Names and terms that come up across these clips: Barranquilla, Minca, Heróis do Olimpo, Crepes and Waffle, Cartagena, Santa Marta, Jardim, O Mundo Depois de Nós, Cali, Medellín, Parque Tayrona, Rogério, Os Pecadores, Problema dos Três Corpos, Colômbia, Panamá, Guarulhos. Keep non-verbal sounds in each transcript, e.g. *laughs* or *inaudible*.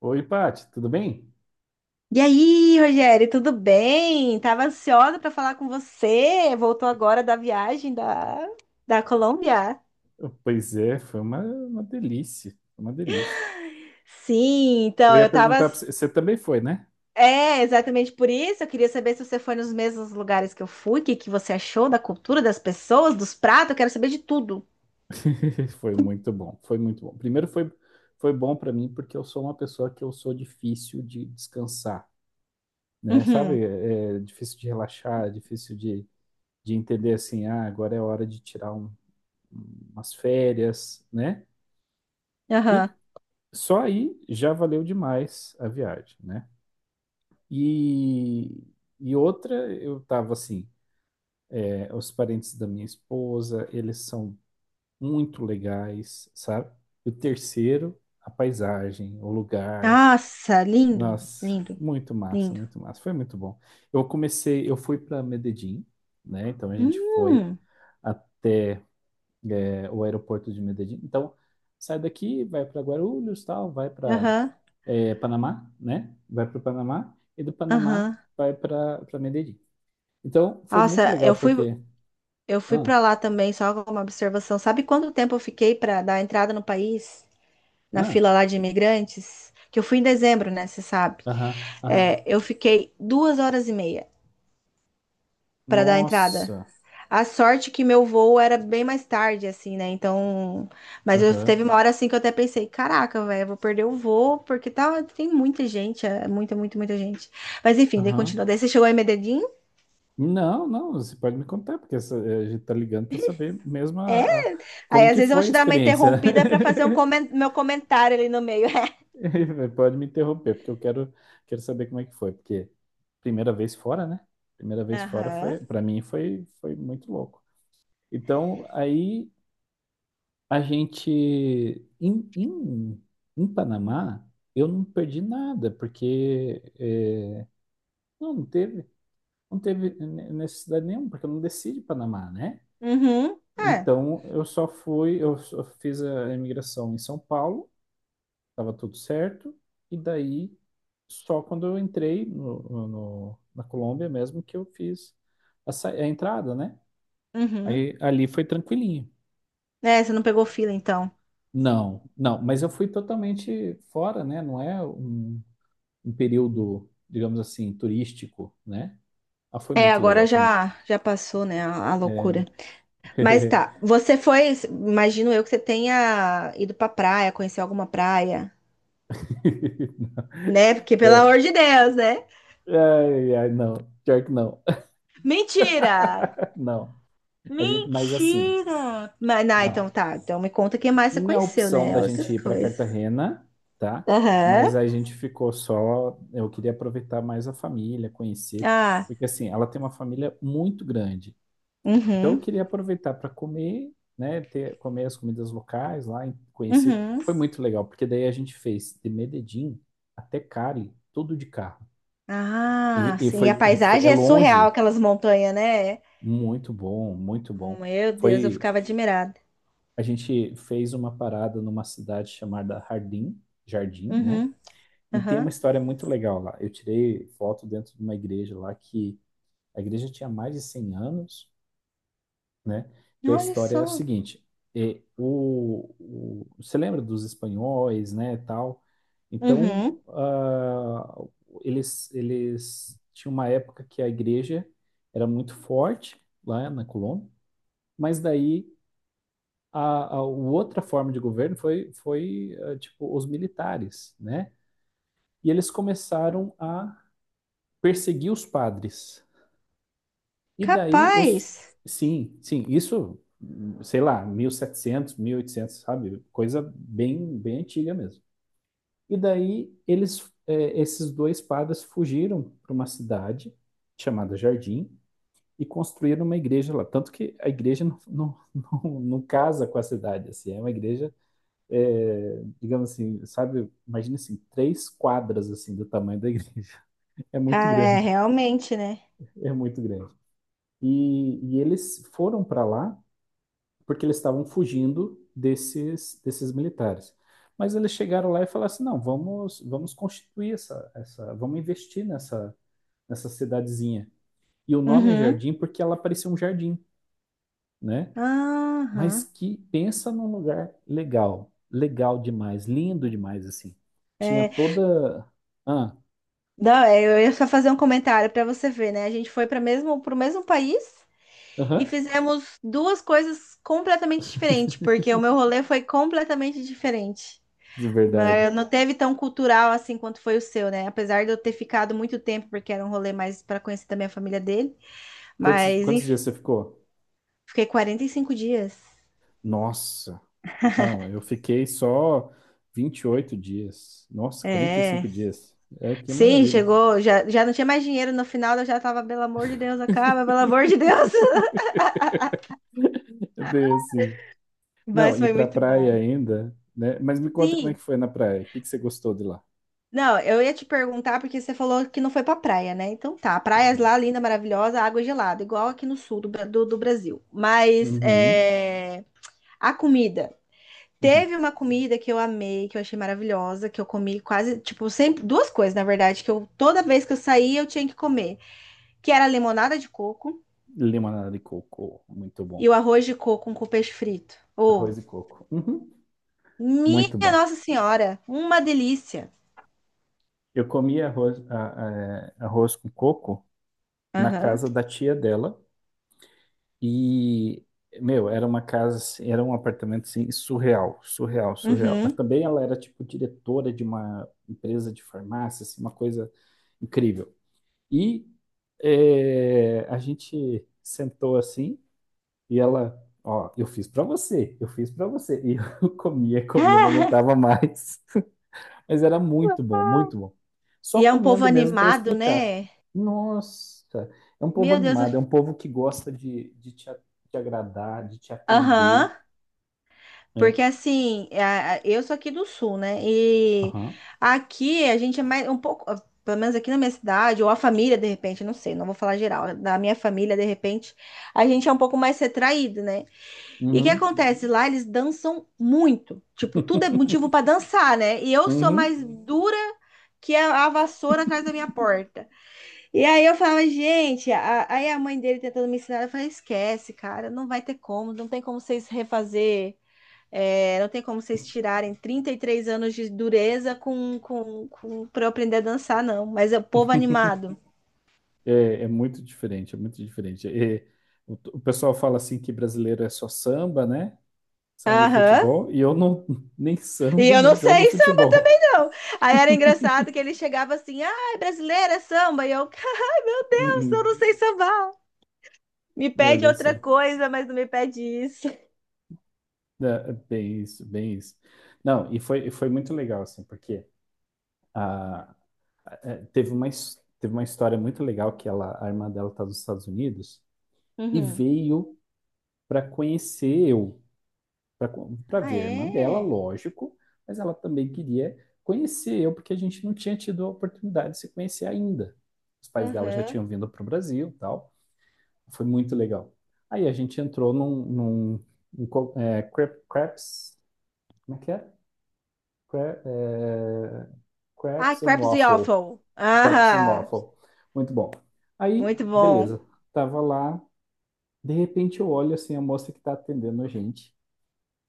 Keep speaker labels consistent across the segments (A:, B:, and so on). A: Oi, Paty, tudo bem?
B: E aí, Rogério, tudo bem? Tava ansiosa para falar com você. Voltou agora da viagem da Colômbia?
A: Oh, pois é, foi uma delícia, foi uma delícia.
B: Sim,
A: Eu
B: então
A: ia
B: eu tava.
A: perguntar para você, você também foi, né?
B: É, exatamente por isso. Eu queria saber se você foi nos mesmos lugares que eu fui, o que que você achou da cultura, das pessoas, dos pratos. Eu quero saber de tudo.
A: *laughs* Foi muito bom, foi muito bom. Primeiro foi bom para mim porque eu sou uma pessoa que eu sou difícil de descansar, né?
B: Uhum,
A: Sabe, é difícil de relaxar, é difícil de entender assim, ah, agora é hora de tirar umas férias, né?
B: aham.
A: E só aí já valeu demais a viagem, né? E, e outra, eu tava assim, os parentes da minha esposa, eles são muito legais, sabe? E o terceiro, a paisagem, o lugar.
B: Nossa, lindo,
A: Nossa,
B: lindo,
A: muito massa,
B: lindo.
A: muito massa. Foi muito bom. Eu comecei, eu fui para Medellín, né? Então a gente foi
B: Hum,
A: até o aeroporto de Medellín. Então sai daqui, vai para Guarulhos, tal, vai para
B: aham,
A: Panamá, né? Vai para o Panamá e do Panamá
B: aham.
A: vai para Medellín. Então foi muito
B: Nossa, eu
A: legal
B: fui.
A: porque
B: Eu fui
A: ah,
B: para lá também, só com uma observação. Sabe quanto tempo eu fiquei para dar a entrada no país, na
A: ah,
B: fila lá de imigrantes? Que eu fui em dezembro, né? Você sabe.
A: aham, aham.
B: É, eu fiquei duas horas e meia para dar a entrada.
A: Nossa.
B: A sorte que meu voo era bem mais tarde, assim, né? Então. Mas eu teve
A: Aham.
B: uma hora assim que eu até pensei: caraca, velho, eu vou perder o voo, porque tá, tem muita gente, é muita, muita gente. Mas enfim, daí continua.
A: Aham.
B: Daí você chegou em Medellín.
A: Não, não, você pode me contar, porque a gente tá ligando para saber mesmo
B: É? Aí
A: como
B: às
A: que
B: vezes eu vou
A: foi a
B: te dar uma
A: experiência.
B: interrompida para fazer um
A: *laughs*
B: meu comentário ali no meio.
A: Pode me interromper, porque eu quero, quero saber como é que foi, porque primeira vez fora, né? Primeira vez fora foi,
B: Aham.
A: para mim foi, foi muito louco. Então, aí a gente em, em, em Panamá, eu não perdi nada, porque é, não, não teve. Não teve necessidade nenhuma, porque eu não desci de Panamá, né?
B: Uhum. É.
A: Então, eu só fui, eu só fiz a imigração em São Paulo, estava tudo certo, e daí, só quando eu entrei na Colômbia mesmo, que eu fiz a entrada, né?
B: Uhum.
A: Aí, ali foi tranquilinho.
B: É, você não pegou fila, então.
A: Não, não, mas eu fui totalmente fora, né? Não é um, um período, digamos assim, turístico, né? Ah, foi
B: É,
A: muito legal,
B: agora
A: foi muito...
B: já já passou, né, a
A: É.
B: loucura. Mas
A: *laughs*
B: tá, você foi, imagino eu que você tenha ido pra praia, conhecer alguma praia, né? Porque, pelo
A: É,
B: amor de Deus, né?
A: ai, ai, não. Pior que não.
B: Mentira!
A: *laughs* Não. A gente, mas assim,
B: Mentira! Mas, não, então
A: não.
B: tá, então me conta quem mais você
A: Tinha a
B: conheceu,
A: opção
B: né?
A: da gente
B: Outras
A: ir para
B: coisas.
A: Cartagena, tá? Mas
B: Aham.
A: a gente ficou só. Eu queria aproveitar mais a família, conhecer,
B: Ah,
A: porque assim, ela tem uma família muito grande. Então eu
B: uhum.
A: queria aproveitar para comer, né? Ter, comer as comidas locais lá, e conhecer.
B: Uhum.
A: Foi muito legal, porque daí a gente fez de Medellín até Cali, tudo de carro.
B: Ah,
A: E
B: sim, e a
A: foi, foi, é
B: paisagem é surreal,
A: longe.
B: aquelas montanhas, né?
A: Muito bom, muito bom.
B: Meu Deus, eu
A: Foi
B: ficava admirada.
A: a gente fez uma parada numa cidade chamada Jardim, Jardim, né?
B: Uhum,
A: E tem uma
B: aham.
A: história muito legal lá. Eu tirei foto dentro de uma igreja lá que a igreja tinha mais de 100 anos, né? E a
B: Olha
A: história é a
B: só.
A: seguinte: é, você lembra dos espanhóis, né, tal? Então,
B: Uhum.
A: ah, eles tinham uma época que a igreja era muito forte lá na Colômbia, mas daí a outra forma de governo foi, foi eh, tipo, os militares, né? E eles começaram a perseguir os padres. E daí,
B: Capaz.
A: os... Sim, sim, isso, sei lá, 1700, oitocentos sabe? Coisa bem, bem antiga mesmo. E daí, eles, eh, esses dois padres fugiram para uma cidade chamada Jardim e construíram uma igreja lá. Tanto que a igreja *laughs* não, não, não, não casa com a cidade, assim, é uma igreja é, digamos assim, sabe? Imagina assim, três quadras assim do tamanho da *laughs* igreja. É muito
B: Cara, é
A: grande,
B: realmente, né?
A: é muito grande. E eles foram para lá porque eles estavam fugindo desses, desses militares. Mas eles chegaram lá e falaram assim, não, vamos, vamos constituir essa, essa, vamos investir nessa, nessa cidadezinha. E o nome é
B: Uhum.
A: Jardim porque ela parecia um jardim, né? Mas
B: Aham.
A: que pensa num lugar legal, legal demais, lindo demais assim. Tinha
B: É,
A: toda. Ah,
B: não, é, eu ia só fazer um comentário para você ver, né? A gente foi para mesmo para o mesmo país e
A: aham,
B: fizemos duas coisas completamente diferentes, porque o meu rolê foi completamente diferente.
A: de verdade.
B: Mas não teve tão cultural assim quanto foi o seu, né? Apesar de eu ter ficado muito tempo, porque era um rolê mais para conhecer também a família dele.
A: Quantos,
B: Mas,
A: quantos dias você ficou?
B: fiquei 45 dias.
A: Nossa, não, eu fiquei só 28 dias. Nossa, quarenta e
B: É.
A: cinco dias. É, que
B: Sim,
A: maravilha.
B: chegou. Já, não tinha mais dinheiro no final, eu já tava, pelo amor de Deus, acaba, pelo amor de Deus. *laughs*
A: *laughs* É bem assim. Não,
B: Mas
A: e
B: foi
A: pra
B: muito bom.
A: praia ainda, né? Mas me conta como é
B: Sim.
A: que foi na praia. O que que você gostou de lá?
B: Não, eu ia te perguntar porque você falou que não foi pra praia, né? Então tá, praias
A: Uhum.
B: lá, linda, maravilhosa, água gelada, igual aqui no sul do Brasil. Mas
A: Uhum.
B: é, a comida.
A: Uhum.
B: Teve uma comida que eu amei, que eu achei maravilhosa, que eu comi quase, tipo, sempre, duas coisas, na verdade, que eu toda vez que eu saía eu tinha que comer, que era limonada de coco
A: Limonada de coco, muito
B: e
A: bom.
B: o arroz de coco com peixe frito. Oh,
A: Arroz e coco. Uhum. Muito
B: minha
A: bom.
B: Nossa Senhora, uma delícia.
A: Eu comia arroz, arroz com coco na
B: Aham.
A: casa da tia dela e, meu, era uma casa, assim, era um apartamento assim, surreal, surreal, surreal. Mas
B: Uhum. *laughs*
A: também ela era tipo diretora de uma empresa de farmácia, assim, uma coisa incrível. E é, a gente sentou assim e ela, ó, eu fiz pra você, eu fiz pra você. E eu *laughs* comia, comia, não
B: Ah,
A: aguentava mais. Mas era muito bom, muito bom. Só
B: e é um povo
A: comendo mesmo para
B: animado,
A: explicar.
B: né?
A: Nossa, é um povo
B: Meu Deus.
A: animado, é um povo que gosta de te agradar, de te
B: Aham.
A: atender, né?
B: Porque assim, eu sou aqui do sul, né? E
A: Aham.
B: aqui a gente é mais um pouco, ah, pelo menos aqui na minha cidade, ou a família, de repente, não sei, não vou falar geral, da minha família, de repente, a gente é um pouco mais retraído, né? E o que
A: Uhum.
B: acontece? Lá eles dançam muito. Tipo, tudo é
A: *laughs*
B: motivo pra dançar, né? E eu sou
A: Uhum.
B: mais dura que a vassoura atrás da minha porta. E aí eu falava, gente, aí a mãe dele tentando me ensinar, eu falei, esquece, cara, não vai ter como, não tem como vocês refazer, é, não tem como vocês tirarem 33 anos de dureza pra eu aprender a dançar, não. Mas é o povo animado.
A: É, é muito diferente, é muito diferente. É, o pessoal fala assim que brasileiro é só samba, né? Samba e
B: Aham.
A: futebol, e eu não *laughs* nem
B: E
A: samba,
B: eu
A: nem
B: não
A: jogo
B: sei samba
A: futebol.
B: também, não. Aí era engraçado que ele chegava assim, ai, brasileira, é samba. E eu, *laughs* ai, meu Deus, eu não
A: Uhum.
B: sei sambar. Me pede
A: Olha
B: outra
A: só.
B: coisa, mas não me pede isso.
A: É, é bem isso, bem isso. Não, e foi muito legal, assim, porque ah, é, teve uma, teve uma história muito legal que ela, a irmã dela está nos Estados Unidos e
B: Uhum.
A: veio para conhecer eu, para
B: Ah,
A: ver a irmã dela,
B: é?
A: lógico, mas ela também queria conhecer eu, porque a gente não tinha tido a oportunidade de se conhecer ainda. Os pais dela já
B: Aham.
A: tinham vindo para o Brasil e tal. Foi muito legal. Aí a gente entrou num crepes, como é que é? Cra- é,
B: Ah,
A: Crepes and
B: crepes e
A: Waffle.
B: waffle.
A: Crepes and
B: Ah,
A: Waffle. Muito bom. Aí,
B: muito bom.
A: beleza. Tava lá. De repente eu olho assim a moça que tá atendendo a gente.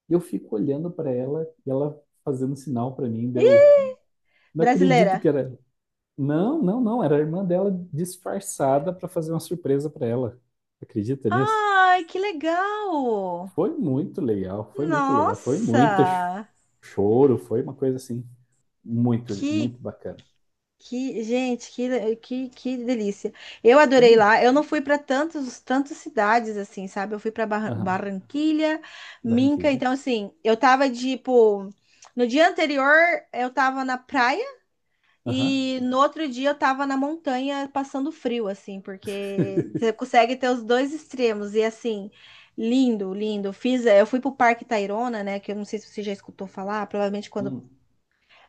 A: E eu fico olhando pra ela e ela fazendo sinal pra mim. Daí eu
B: Ih,
A: não acredito que
B: brasileira.
A: era ela. Não, não, não. Era a irmã dela disfarçada pra fazer uma surpresa pra ela. Acredita nisso?
B: Ai, que legal.
A: Foi muito legal. Foi muito legal. Foi muito
B: Nossa,
A: choro. Foi uma coisa assim muito,
B: que,
A: muito bacana.
B: Que, gente, que, que, que delícia. Eu
A: Foi
B: adorei lá. Eu não fui para tantas cidades assim, sabe? Eu fui para
A: mesmo.
B: Barranquilha, Minca.
A: Barranquilla.
B: Então, assim, eu tava tipo. No dia anterior, eu tava na praia
A: Aham.
B: e no outro dia eu tava na montanha passando frio, assim, porque você
A: *laughs*
B: consegue ter os dois extremos. E, assim, lindo, lindo. Fiz, eu fui pro Parque Tayrona, né? Que eu não sei se você já escutou falar, provavelmente quando.
A: Hum.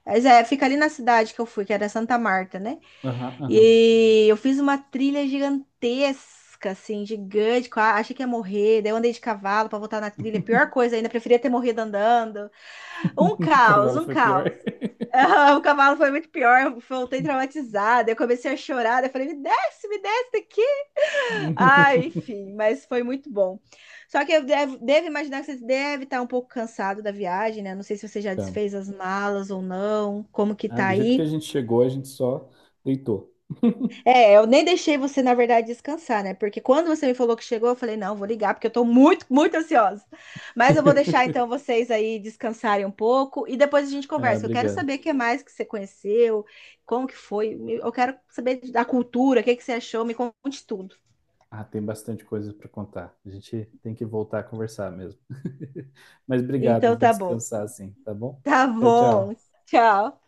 B: Mas é, fica ali na cidade que eu fui, que era Santa Marta, né?
A: Aham, aham.
B: E eu fiz uma trilha gigantesca, assim, gigante. Achei que ia morrer. Daí eu andei de cavalo pra voltar na trilha. Pior coisa ainda, preferia ter morrido andando. Um
A: *laughs*
B: caos,
A: Cavalo
B: um
A: foi pior.
B: caos. *laughs* O cavalo foi muito pior. Eu voltei traumatizada. Eu comecei a chorar. Daí eu falei, me desce daqui. Ai,
A: *laughs*
B: enfim, mas foi muito bom. Só que eu devo imaginar que você deve estar um pouco cansado da viagem, né? Não sei se você já
A: Tá.
B: desfez as malas ou não. Como que
A: Ah,
B: tá
A: do jeito que a
B: aí?
A: gente chegou, a gente só deitou. *laughs*
B: É, eu nem deixei você, na verdade, descansar, né? Porque quando você me falou que chegou, eu falei, não, vou ligar, porque eu tô muito ansiosa. Mas eu vou deixar, então, vocês aí descansarem um pouco e depois a gente
A: Ah,
B: conversa. Eu quero
A: obrigado.
B: saber o que mais que você conheceu, como que foi. Eu quero saber da cultura, o que que você achou, me conte tudo.
A: Ah, tem bastante coisa para contar. A gente tem que voltar a conversar mesmo. *laughs* Mas
B: Então,
A: obrigado, vou
B: tá bom.
A: descansar assim, tá bom?
B: Tá
A: Tchau,
B: bom.
A: tchau.
B: Tchau.